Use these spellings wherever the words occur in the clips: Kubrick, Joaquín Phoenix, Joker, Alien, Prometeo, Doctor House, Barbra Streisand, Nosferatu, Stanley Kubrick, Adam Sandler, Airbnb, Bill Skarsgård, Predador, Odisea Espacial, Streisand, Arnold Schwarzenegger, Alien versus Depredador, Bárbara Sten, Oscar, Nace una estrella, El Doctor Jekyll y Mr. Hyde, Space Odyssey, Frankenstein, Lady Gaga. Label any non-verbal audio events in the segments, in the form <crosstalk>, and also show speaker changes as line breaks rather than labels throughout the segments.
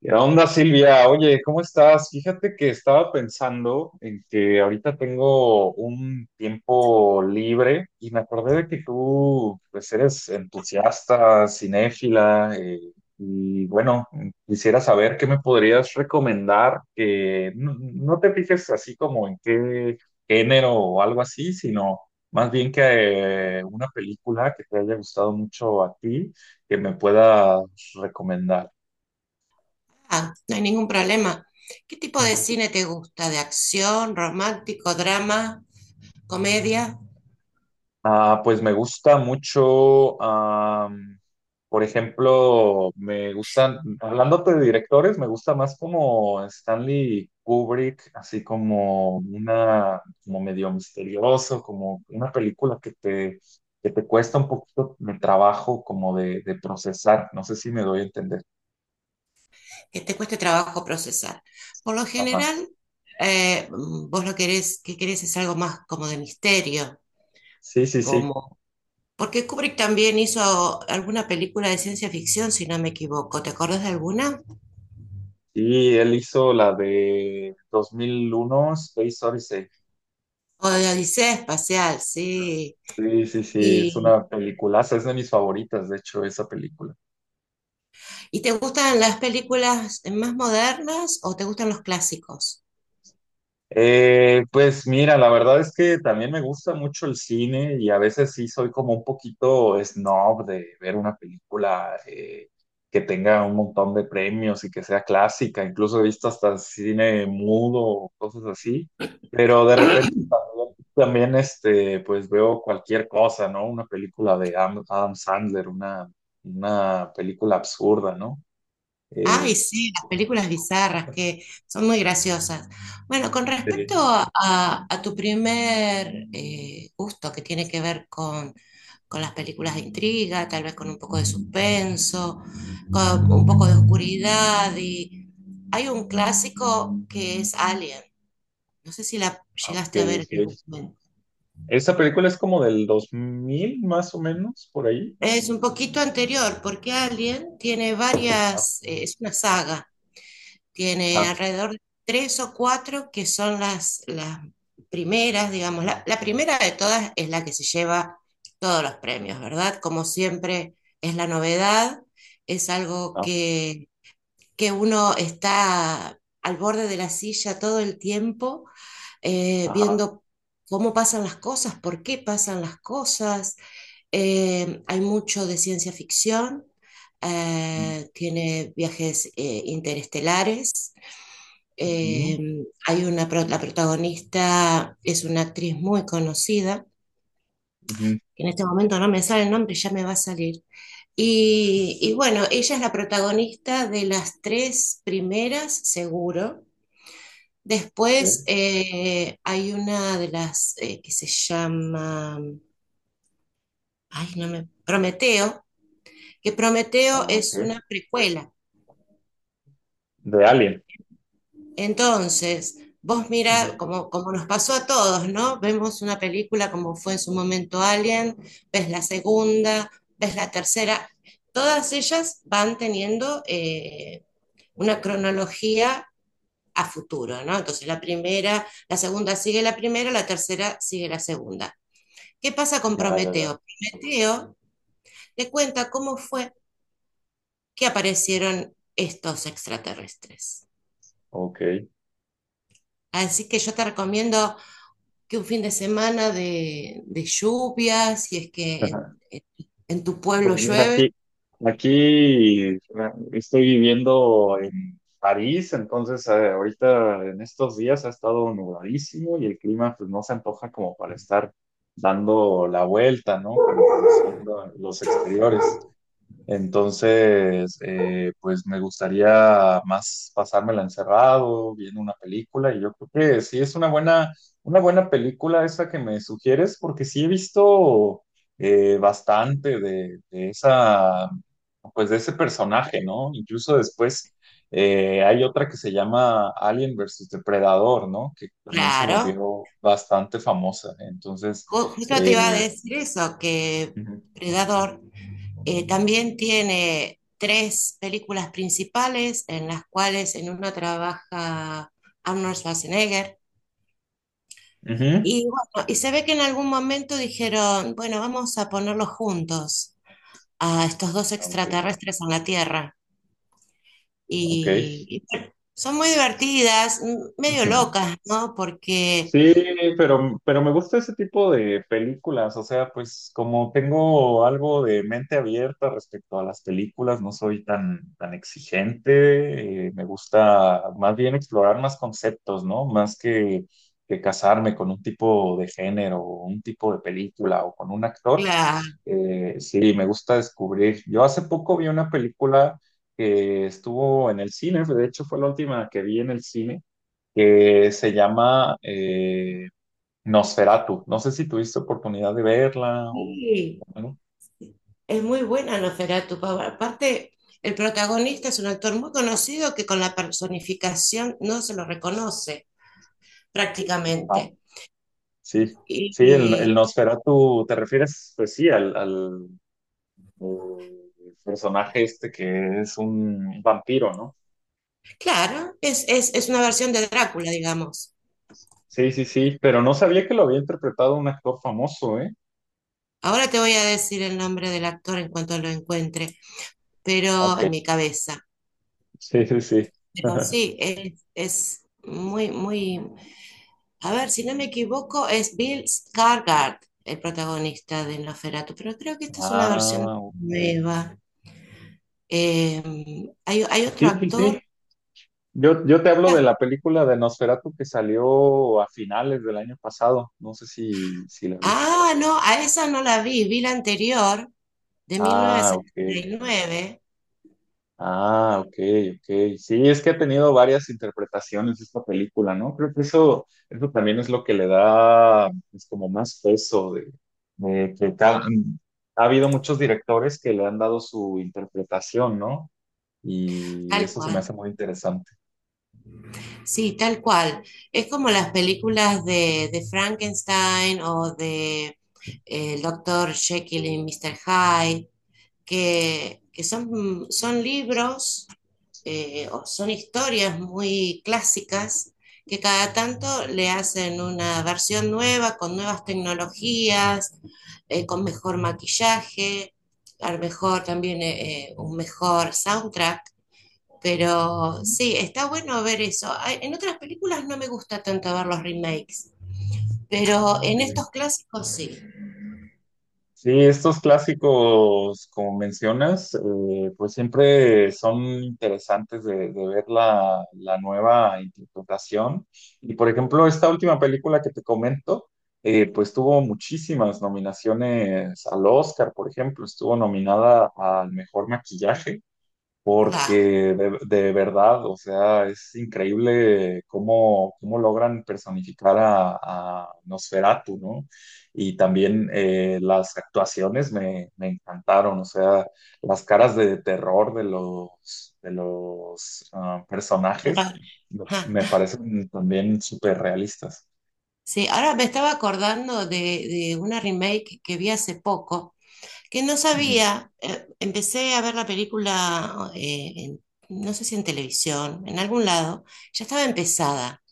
¿Qué onda, Silvia? Oye, ¿cómo estás? Fíjate que estaba pensando en que ahorita tengo un tiempo libre y me acordé de que tú, pues, eres entusiasta, cinéfila, y bueno, quisiera saber qué me podrías recomendar, que no, no te fijes así como en qué género o algo así, sino más bien que una película que te haya gustado mucho a ti, que me puedas recomendar.
Ah, no hay ningún problema. ¿Qué tipo de cine te gusta? ¿De acción, romántico, drama, comedia?
Ah, pues me gusta mucho, por ejemplo, me gustan, hablándote de directores, me gusta más como Stanley Kubrick, así como una, como medio misterioso, como una película que te cuesta un poquito de trabajo como de procesar, no sé si me doy a entender.
Que te cueste trabajo procesar. Por lo
Ajá.
general, vos lo querés, que querés es algo más como de misterio,
Sí, sí, sí.
como... Porque Kubrick también hizo alguna película de ciencia ficción, si no me equivoco. ¿Te acordás de alguna?
Y él hizo la de 2001, Space Odyssey.
O de Odisea Espacial, sí.
Sí, sí, sí, es
¿Y,
una peliculaza, es de mis favoritas, de hecho, esa película.
y te gustan las películas más modernas o te gustan los clásicos?
Pues mira, la verdad es que también me gusta mucho el cine y a veces sí soy como un poquito snob de ver una película que tenga un montón de premios y que sea clásica, incluso he visto hasta cine mudo o cosas así, pero de repente también pues veo cualquier cosa, ¿no? Una película de Adam Sandler, una película absurda, ¿no? Eh,
Ay, sí, las películas bizarras que son muy graciosas. Bueno, con respecto
sí,
a tu primer gusto que tiene que ver con las películas de intriga, tal vez con un poco de suspenso, con un poco de oscuridad, y hay un clásico que es Alien. No sé si la
ah, ok,
llegaste a ver en algún
ok.
momento.
Esa película es como del 2000 más o menos, por ahí.
Es un poquito anterior, porque Alien tiene varias, es una saga. Tiene
Ajá,
alrededor de tres o cuatro que son las primeras, digamos. La primera de todas es la que se lleva todos los premios, ¿verdad? Como siempre es la novedad, es algo
ajá.
que uno está al borde de la silla todo el tiempo,
Ajá.
viendo cómo pasan las cosas, por qué pasan las cosas. Hay mucho de ciencia ficción, tiene viajes interestelares eh,
Ujú,
hay una, la protagonista es una actriz muy conocida,
ujú,
que en este momento no me sale el nombre, ya me va a salir. Y bueno, ella es la protagonista de las tres primeras, seguro.
ok,
Después hay una de las que se llama, ay, no me, Prometeo, que Prometeo
ah, ok.
es una precuela.
De Alien.
Entonces, vos
Ujú.
mira, como nos pasó a todos, ¿no? Vemos una película como fue en su momento Alien, ves la segunda, ves la tercera, todas ellas van teniendo una cronología a futuro, ¿no? Entonces la primera, la segunda sigue la primera, la tercera sigue la segunda. ¿Qué pasa con
Ya, ya, ya.
Prometeo? Prometeo le cuenta cómo fue que aparecieron estos extraterrestres.
Ok.
Así que yo te recomiendo que un fin de semana de lluvia, si es que
<laughs>
en tu pueblo
Pues mira,
llueve.
aquí, estoy viviendo en París, entonces ahorita en estos días ha estado nubladísimo y el clima pues no se antoja como para estar dando la vuelta, ¿no? Como conociendo los exteriores. Entonces, pues me gustaría más pasármela encerrado, viendo una película, y yo creo que sí es una buena, película esa que me sugieres, porque sí he visto bastante de esa, pues de ese personaje, ¿no? Incluso después hay otra que se llama Alien versus Depredador, ¿no? Que también se
Claro,
volvió bastante famosa. Entonces,
Justo te iba a
eh,
decir eso, que
ujú,
Predador también tiene tres películas principales en las cuales en una trabaja Arnold Schwarzenegger.
ujú.
Y bueno, y se ve que en algún momento dijeron, bueno, vamos a ponerlos juntos a estos dos
Ah, ok,
extraterrestres en la Tierra.
ok.
Y, Son muy divertidas, medio
<laughs>
locas, ¿no? Porque
Sí, pero me gusta ese tipo de películas, o sea, pues como tengo algo de mente abierta respecto a las películas, no soy tan, exigente, me gusta más bien explorar más conceptos, ¿no? Más que casarme con un tipo de género o un tipo de película o con un actor,
la
sí, me gusta descubrir. Yo hace poco vi una película que estuvo en el cine, de hecho fue la última que vi en el cine que se llama Nosferatu. No sé si tuviste oportunidad de verla o...
Sí,
Bueno,
es muy buena Nosferatu. Aparte, el protagonista es un actor muy conocido que con la personificación no se lo reconoce
ah,
prácticamente.
sí,
Y,
sí, el,
y,
el Nosferatu, ¿te refieres? Pues sí, al, eh, personaje este que es un vampiro, ¿no?
claro, es una
Ajá.
versión de Drácula, digamos.
Sí, sí, sí, pero no sabía que lo había interpretado un actor famoso, ¿eh?
Ahora te voy a decir el nombre del actor en cuanto lo encuentre, pero
Ok,
en mi cabeza.
sí, sí, sí.
Pero
<laughs>
sí, es muy, muy... A ver, si no me equivoco, es Bill Skarsgård el protagonista de Nosferatu, pero creo que esta es una versión
Ah, ok.
nueva. Eh, hay otro
Sí, sí, sí.
actor.
yo te hablo de
Ah,
la película de Nosferatu que salió a finales del año pasado. No sé si la viste.
ah, no, a esa no la vi, vi la anterior, de mil
Ah,
novecientos
ok.
setenta y nueve
Ah, ok, ok. Sí, es que ha tenido varias interpretaciones esta película, ¿no? Creo que eso también es lo que le da pues, como más peso de que ha habido muchos directores que le han dado su interpretación, ¿no? Y
tal
eso se me
cual.
hace muy interesante.
Sí, tal cual. Es como las películas de Frankenstein o de El Doctor Jekyll y Mr. Hyde, que son libros o son historias muy clásicas que cada tanto le hacen una versión nueva con nuevas tecnologías, con mejor maquillaje, a lo mejor también un mejor soundtrack. Pero sí, está bueno ver eso. En otras películas no me gusta tanto ver los remakes, pero en
Sí.
estos clásicos sí.
Sí, estos clásicos, como mencionas, pues siempre son interesantes de, ver la nueva interpretación. Y por ejemplo, esta última película que te comento, pues tuvo muchísimas nominaciones al Oscar, por ejemplo, estuvo nominada al mejor maquillaje porque de, verdad, o sea, es increíble cómo, logran personificar a Nosferatu, ¿no? Y también las actuaciones me, encantaron, o sea, las caras de terror de los personajes
Claro.
me
<laughs>
me parecen también súper realistas.
Sí, ahora me estaba acordando de una remake que vi hace poco, que no
Ujú.
sabía, empecé a ver la película, no sé si en televisión, en algún lado, ya estaba empezada.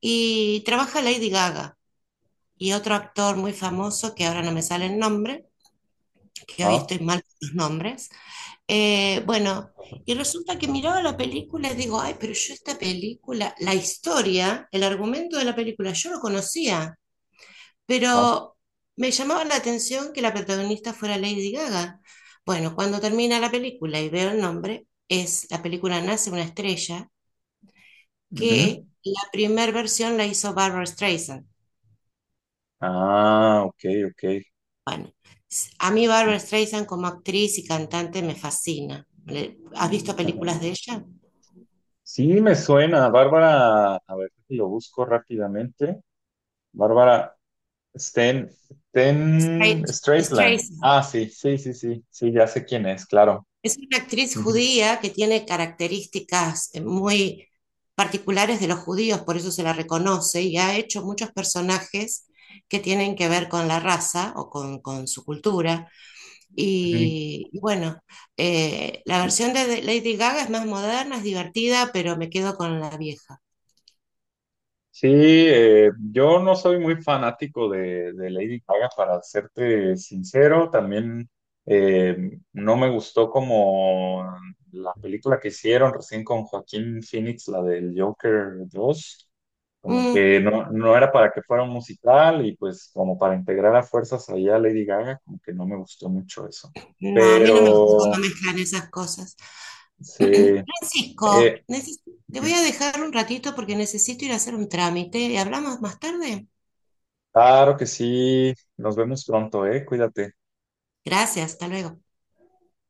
Y trabaja Lady Gaga y otro actor muy famoso, que ahora no me sale el nombre, que hoy
Ah,
estoy mal con los nombres. Bueno, y resulta que miraba la película y digo, ay, pero yo esta película, la historia, el argumento de la película, yo lo conocía.
ah,
Pero me llamaba la atención que la protagonista fuera Lady Gaga. Bueno, cuando termina la película y veo el nombre, es la película Nace una estrella,
ujú.
que la primera versión la hizo Barbra Streisand.
Ah, ok, ok.
Bueno, a mí
Sí.
Barbra Streisand como actriz y cantante me fascina. ¿Has visto
<laughs>
películas de ella?
Sí, me suena. Bárbara, a ver si lo busco rápidamente. Bárbara Sten, Sten
Straight,
Streisand. Ah, sí, sí, sí, sí, sí, ya sé quién es, claro.
es una actriz
Ujú.
judía que tiene características muy particulares de los judíos, por eso se la reconoce y ha hecho muchos personajes que tienen que ver con la raza o con su cultura.
Ujú.
Y bueno, la versión de Lady Gaga es más moderna, es divertida, pero me quedo con la vieja.
Sí, yo no soy muy fanático de Lady Gaga, para serte sincero. También no me gustó como la película que hicieron recién con Joaquín Phoenix, la del Joker 2. Como
Mm,
que no, no era para que fuera un musical y pues como para integrar a fuerzas allá a Lady Gaga, como que no me gustó mucho eso.
no, a mí no me gusta cuando
Pero
mezclan esas cosas. <clears throat>
sí,
Francisco,
eh,
te voy a
ujú.
dejar un ratito porque necesito ir a hacer un trámite y hablamos más tarde.
Claro que sí. Nos vemos pronto, eh. Cuídate.
Gracias, hasta luego.